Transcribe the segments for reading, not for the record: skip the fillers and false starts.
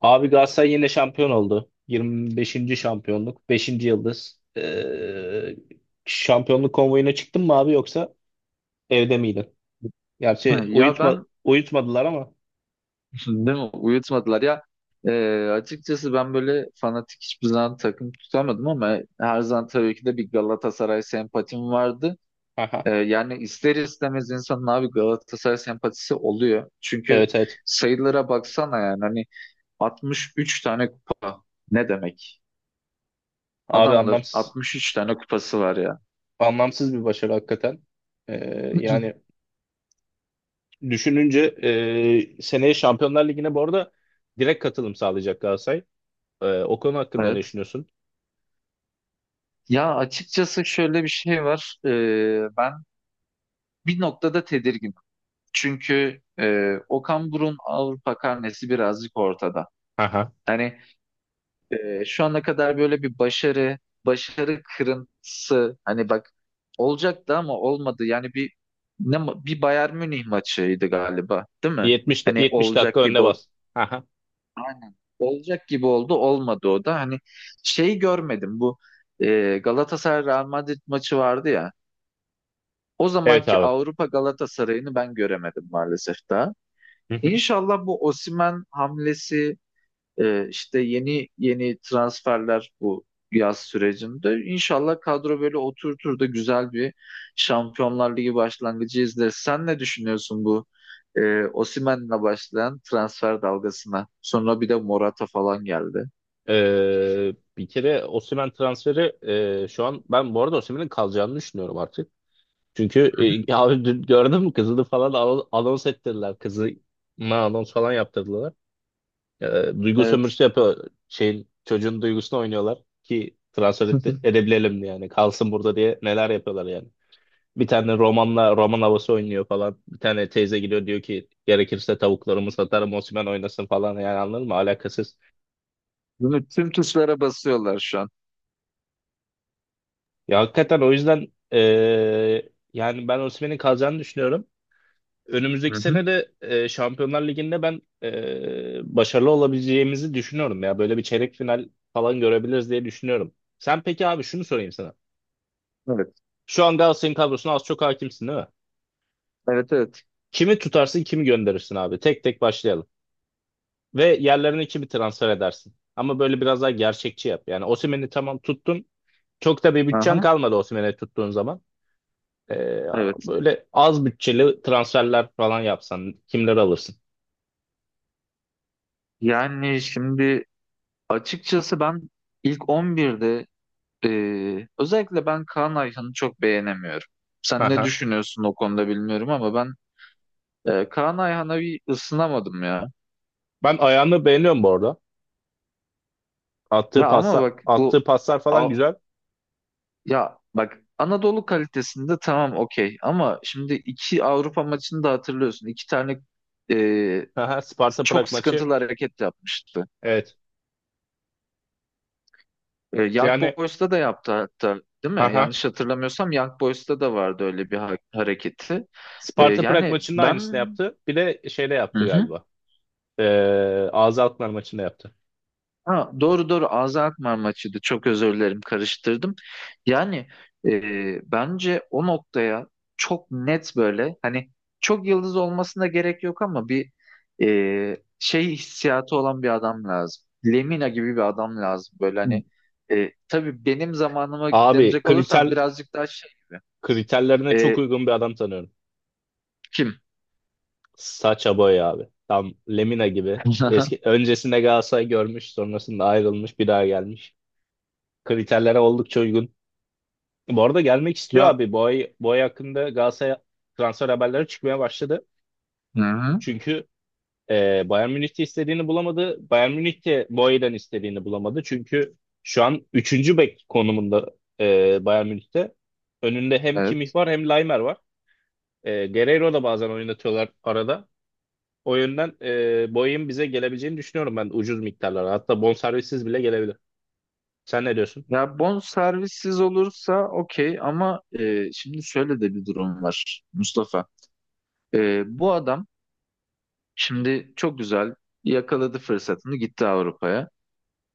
Abi Galatasaray yine şampiyon oldu. 25. şampiyonluk. 5. yıldız. Şampiyonluk konvoyuna çıktın mı abi yoksa evde miydin? Ha, Gerçi ya uyutma, ben uyutmadılar ama. değil mi, uyutmadılar ya. Açıkçası ben böyle fanatik hiçbir zaman takım tutamadım ama her zaman tabii ki de bir Galatasaray sempatim vardı. Aha. Yani ister istemez insanın abi Galatasaray sempatisi oluyor. Çünkü Evet, evet. sayılara baksana, yani hani 63 tane kupa ne demek? Abi Adamların 63 tane kupası var ya. anlamsız bir başarı hakikaten. Ee, yani düşününce seneye Şampiyonlar Ligi'ne bu arada direkt katılım sağlayacak Galatasaray. O konu hakkında ne Evet. düşünüyorsun? Ya açıkçası şöyle bir şey var. Ben bir noktada tedirgin. Çünkü Okan Buruk'un Avrupa karnesi birazcık ortada. Aha. Hani, şu ana kadar böyle bir başarı, başarı kırıntısı, hani bak, olacaktı ama olmadı. Yani bir bir Bayern Münih maçıydı galiba, değil mi? Hani 70 dakika olacak gibi önüne ol. bas. Aha. Aynen. Olacak gibi oldu, olmadı o da. Hani şey görmedim bu, Galatasaray Real Madrid maçı vardı ya. O Evet zamanki abi. Avrupa Galatasaray'ını ben göremedim maalesef daha. İnşallah bu Osimhen hamlesi, işte yeni transferler bu yaz sürecinde, İnşallah kadro böyle oturtur da güzel bir Şampiyonlar Ligi başlangıcı izleriz. Sen ne düşünüyorsun bu, Osimhen'le başlayan transfer dalgasına? Sonra bir de Morata falan geldi. Bir kere Osimhen transferi şu an ben bu arada Osimhen'in kalacağını düşünüyorum artık. Çünkü ya abi dün gördün mü kızını falan anons ettirdiler. Kızına anons falan yaptırdılar. Ee, duygu Evet. sömürüsü yapıyor. Şeyin, çocuğun duygusunu oynuyorlar ki transfer edebilelim diye yani. Kalsın burada diye neler yapıyorlar yani. Bir tane romanla roman havası oynuyor falan. Bir tane teyze gidiyor diyor ki gerekirse tavuklarımı satarım Osimhen oynasın falan yani anladın mı? Alakasız. Bunu tüm tuşlara basıyorlar şu an. Ya hakikaten o yüzden yani ben Osimhen'in kalacağını düşünüyorum. Hı Önümüzdeki hı. sene de Şampiyonlar Ligi'nde ben başarılı olabileceğimizi düşünüyorum ya. Böyle bir çeyrek final falan görebiliriz diye düşünüyorum. Sen peki abi şunu sorayım sana. Evet. Şu an Galatasaray'ın kadrosuna az çok hakimsin değil mi? Evet, evet. Kimi tutarsın, kimi gönderirsin abi? Tek tek başlayalım. Ve yerlerine kimi transfer edersin? Ama böyle biraz daha gerçekçi yap. Yani Osimhen'i tamam tuttun. Çok da bir bütçen Aha. kalmadı Osimhen'i tuttuğun zaman. Ee, Evet. böyle az bütçeli transferler falan yapsan kimleri alırsın? Yani şimdi, açıkçası ben ilk 11'de, özellikle ben Kaan Ayhan'ı çok beğenemiyorum. Sen ne Aha. düşünüyorsun o konuda bilmiyorum ama ben, Kaan Ayhan'a bir ısınamadım ya. Ben ayağını beğeniyorum bu arada. Ya Attığı ama paslar, bak, bu attığı paslar falan Av- güzel. ya bak, Anadolu kalitesinde, tamam, okey, ama şimdi iki Avrupa maçını da hatırlıyorsun. İki tane Aha, Sparta çok Prag maçı. sıkıntılı hareket yapmıştı. Evet. Young Yani Boys'ta da yaptı hatta, değil mi? aha. Yanlış hatırlamıyorsam Young Boys'ta da vardı öyle bir hareketi. E, Sparta Prag yani maçının aynısını ben yaptı. Bir de şeyde Hı yaptı hı. galiba. Ee, AZ Alkmaar maçında yaptı. Ha, doğru doğru, Ağza Alkmaar maçıydı. Çok özür dilerim, karıştırdım. Yani, bence o noktaya çok net, böyle hani, çok yıldız olmasına gerek yok ama bir, şey hissiyatı olan bir adam lazım. Lemina gibi bir adam lazım. Böyle, hani, tabii benim zamanıma Abi denecek olursam birazcık daha şey gibi. kriterlerine çok E, uygun bir adam tanıyorum. kim? Saça boy abi. Tam Lemina gibi. Eski öncesinde Galatasaray görmüş, sonrasında ayrılmış, bir daha gelmiş. Kriterlere oldukça uygun. Bu arada gelmek istiyor Ya, abi. Bu ay hakkında Galatasaray transfer haberleri çıkmaya başladı. hı hı, Çünkü Bayern Münih de istediğini bulamadı. Bayern Münih de Boey'den istediğini bulamadı. Çünkü şu an üçüncü bek konumunda Bayern Münih'te. Önünde hem Kimmich evet. var hem Laimer var. Guerreiro da bazen oynatıyorlar arada. O yönden Boey'in bize gelebileceğini düşünüyorum ben ucuz miktarlara. Hatta bonservissiz bile gelebilir. Sen ne diyorsun? Ya bon servissiz olursa okey ama, şimdi şöyle de bir durum var Mustafa. Bu adam şimdi çok güzel yakaladı fırsatını, gitti Avrupa'ya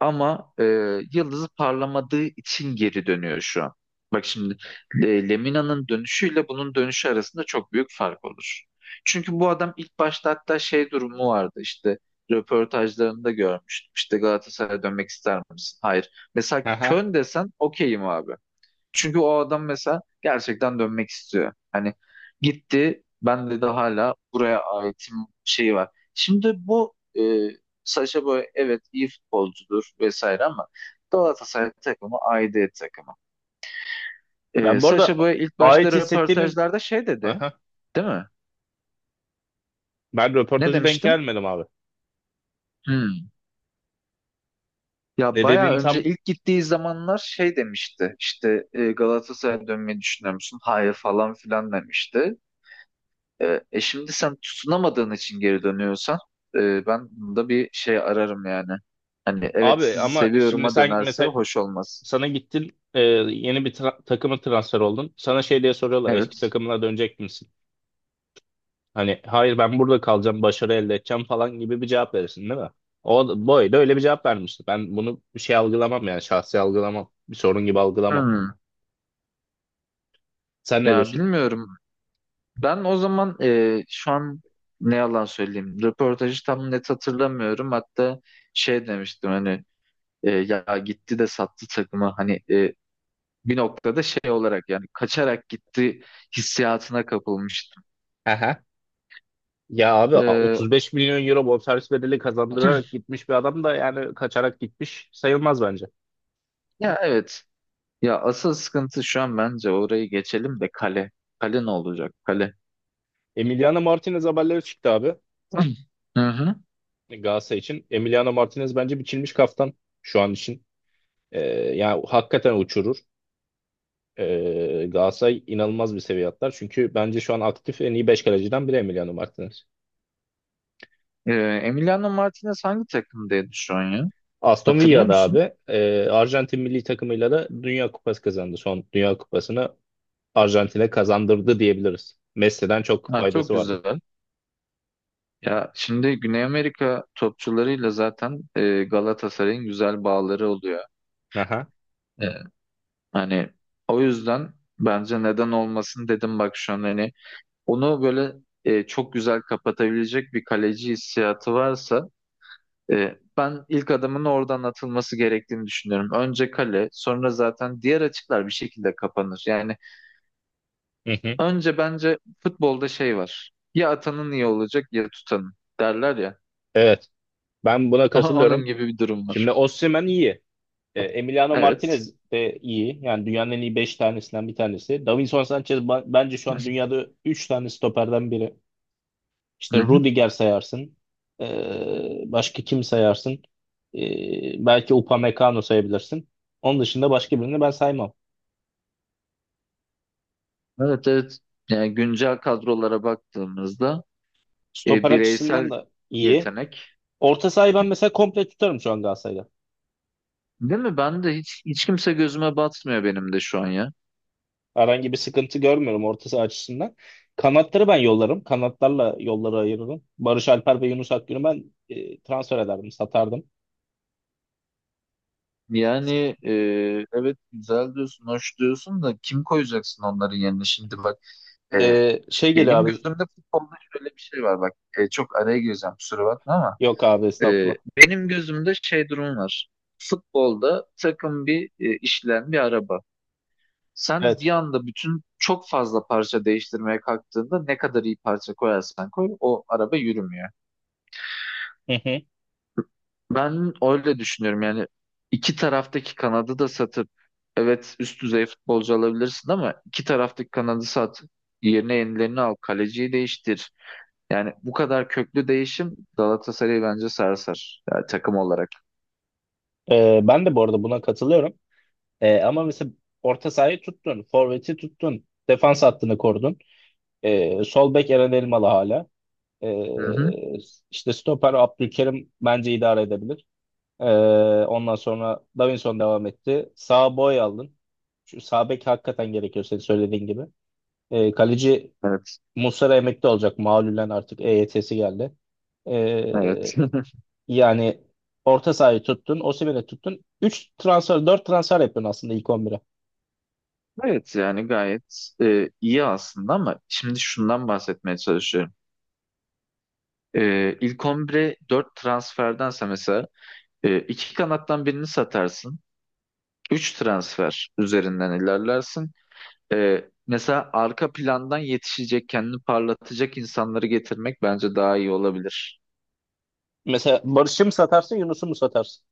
ama, yıldızı parlamadığı için geri dönüyor şu an. Bak şimdi, Lemina'nın dönüşüyle bunun dönüşü arasında çok büyük fark olur. Çünkü bu adam ilk başta hatta şey durumu vardı, işte röportajlarında görmüştüm. İşte, "Galatasaray'a dönmek ister misin?" "Hayır." Mesela Aha. Köln desen okeyim abi. Çünkü o adam mesela gerçekten dönmek istiyor. Hani gitti, "ben de hala buraya aitim" şeyi var. Şimdi bu, e, Sacha Boey, evet, iyi futbolcudur vesaire ama Galatasaray takımı aidiyet takımı. Ben bu Sacha arada Boey ilk başta ait hissettiğini röportajlarda şey dedi, değil mi? ben Ne röportajı denk demiştin? gelmedim abi. Hmm. Ya Ne bayağı dediğini tam önce, ilk gittiği zamanlar şey demişti. İşte, "Galatasaray'a dönmeyi düşünüyor musun?" "Hayır" falan filan demişti. E, şimdi sen tutunamadığın için geri dönüyorsan, ben bunda bir şey ararım yani. Hani evet, abi "sizi ama şimdi seviyorum"a sen dönerse mesela hoş olmaz. sana gittin yeni bir takıma transfer oldun. Sana şey diye soruyorlar eski Evet. takımına dönecek misin? Hani hayır ben burada kalacağım başarı elde edeceğim falan gibi bir cevap verirsin değil mi? O boy da öyle bir cevap vermişti. Ben bunu bir şey algılamam yani şahsi algılamam. Bir sorun gibi algılamam. Hmm. Sen ne Ya diyorsun? bilmiyorum. Ben o zaman, şu an ne yalan söyleyeyim, röportajı tam net hatırlamıyorum. Hatta şey demiştim, hani, ya gitti de sattı takımı. Hani, bir noktada şey olarak, yani kaçarak gitti hissiyatına kapılmıştım. Aha. Ya abi E, 35 milyon euro bonservis bedeli kazandırarak gitmiş bir adam da yani kaçarak gitmiş sayılmaz bence. ya evet. Ya asıl sıkıntı şu an bence, orayı geçelim de, kale. Kale ne olacak? Kale. Emiliano Martinez haberleri çıktı abi Hı hı. Galatasaray için. Emiliano Martinez bence biçilmiş kaftan şu an için. Ee, yani hakikaten uçurur. Galatasaray inanılmaz bir seviye atlar. Çünkü bence şu an aktif en iyi 5 kaleciden biri Emiliano Martinez. Ee, Emiliano Martinez hangi takımdaydı şu an ya? Aston Hatırlıyor Villa'da musun? abi Arjantin milli takımıyla da Dünya Kupası kazandı. Son Dünya Kupası'nı Arjantin'e kazandırdı diyebiliriz. Messi'den çok Ha, çok faydası vardı. güzel. Ya şimdi Güney Amerika topçularıyla zaten, Galatasaray'ın güzel bağları oluyor. Aha. E, Hani o yüzden bence, neden olmasın, dedim bak şu an hani, onu böyle, çok güzel kapatabilecek bir kaleci hissiyatı varsa, ben ilk adımın oradan atılması gerektiğini düşünüyorum. Önce kale, sonra zaten diğer açıklar bir şekilde kapanır. Yani Hı hı. önce bence futbolda şey var. "Ya atanın iyi olacak, ya tutanın" derler ya. Evet. Ben buna katılıyorum. Onun gibi bir durum Şimdi var. Osimhen iyi. Emiliano Evet. Martinez de iyi. Yani dünyanın en iyi 5 tanesinden bir tanesi. Davinson Sanchez bence şu an dünyada 3 tane stoperden biri. İşte Hı hı. Rudiger sayarsın. Başka kim sayarsın? Belki Upamecano sayabilirsin. Onun dışında başka birini ben saymam. Evet, evet. Yani güncel kadrolara baktığımızda, Stoper açısından bireysel da iyi. yetenek. Orta sahayı ben mesela komple tutarım şu an Galatasaray'da. Değil mi? Ben de hiç kimse gözüme batmıyor, benim de şu an ya. Herhangi bir sıkıntı görmüyorum orta saha açısından. Kanatları ben yollarım. Kanatlarla yolları ayırırım. Barış Alper ve Yunus Akgün'ü ben transfer ederdim, satardım. Yani, evet güzel diyorsun, hoş diyorsun da kim koyacaksın onların yerine? Şimdi bak, e, Şey geliyor benim abi. gözümde futbolda şöyle bir şey var bak, çok araya gireceğim, kusura bakma ama, Yok abi estağfurullah. benim gözümde şey durum var. Futbolda takım bir, işleyen bir araba. Sen Evet. bir anda bütün, çok fazla parça değiştirmeye kalktığında, ne kadar iyi parça koyarsan koy, o araba yürümüyor. Hı hı. Ben öyle düşünüyorum, yani iki taraftaki kanadı da satıp, evet, üst düzey futbolcu alabilirsin ama, iki taraftaki kanadı sat, yerine yenilerini al, kaleciyi değiştir. Yani bu kadar köklü değişim Galatasaray'ı bence sarsar, yani takım olarak. Ben de bu arada buna katılıyorum. Ama mesela orta sahayı tuttun, forveti tuttun, defans hattını korudun. Sol bek Eren Elmalı hala. Hı hı. E, işte stoper Abdülkerim bence idare edebilir. E, ondan sonra Davinson devam etti. Sağ boy aldın. Şu sağ bek hakikaten gerekiyor senin söylediğin gibi. Kaleci Evet. Muslera emekli olacak. Malulen artık EYT'si geldi. E, Evet. yani orta sahayı tuttun, Osimhen'i tuttun. Üç transfer, 4 transfer yapıyorsun aslında ilk 11'e. Evet yani gayet, iyi aslında ama şimdi şundan bahsetmeye çalışıyorum. İlk 11'e 4 transferdense, mesela, iki kanattan birini satarsın. 3 transfer üzerinden ilerlersin. Mesela arka plandan yetişecek, kendini parlatacak insanları getirmek bence daha iyi olabilir. Mesela Barış'ı mı satarsın, Yunus'u mu satarsın?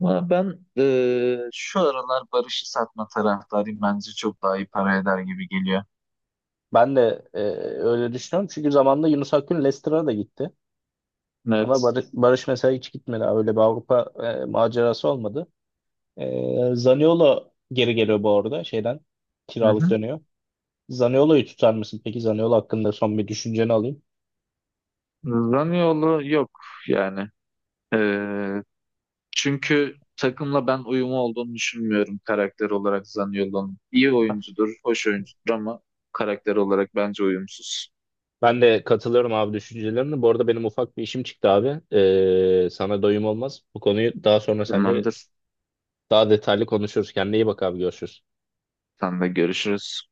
Ama ben, şu aralar Barış'ı satma taraftarıyım. Bence çok daha iyi para eder gibi geliyor. Ben de öyle düşünüyorum. Çünkü zamanında Yunus Akgün Leicester'a da gitti. Ama Evet. Barış, Barış mesela hiç gitmedi. Öyle bir Avrupa macerası olmadı. Zaniolo geri geliyor bu arada şeyden. Hı Kiralık hı. dönüyor. Zaniolo'yu tutar mısın? Peki Zaniolo hakkında son bir düşünceni alayım. Zaniolo yok yani. Ee, Çünkü takımla ben uyumu olduğunu düşünmüyorum, karakter olarak, Zaniolo'nun. İyi oyuncudur, hoş oyuncudur ama karakter olarak bence uyumsuz. Ben de katılıyorum abi düşüncelerine. Bu arada benim ufak bir işim çıktı abi. Sana doyum olmaz. Bu konuyu daha sonra seninle Tamamdır. daha detaylı konuşuruz. Kendine iyi bak abi görüşürüz. Sen de görüşürüz.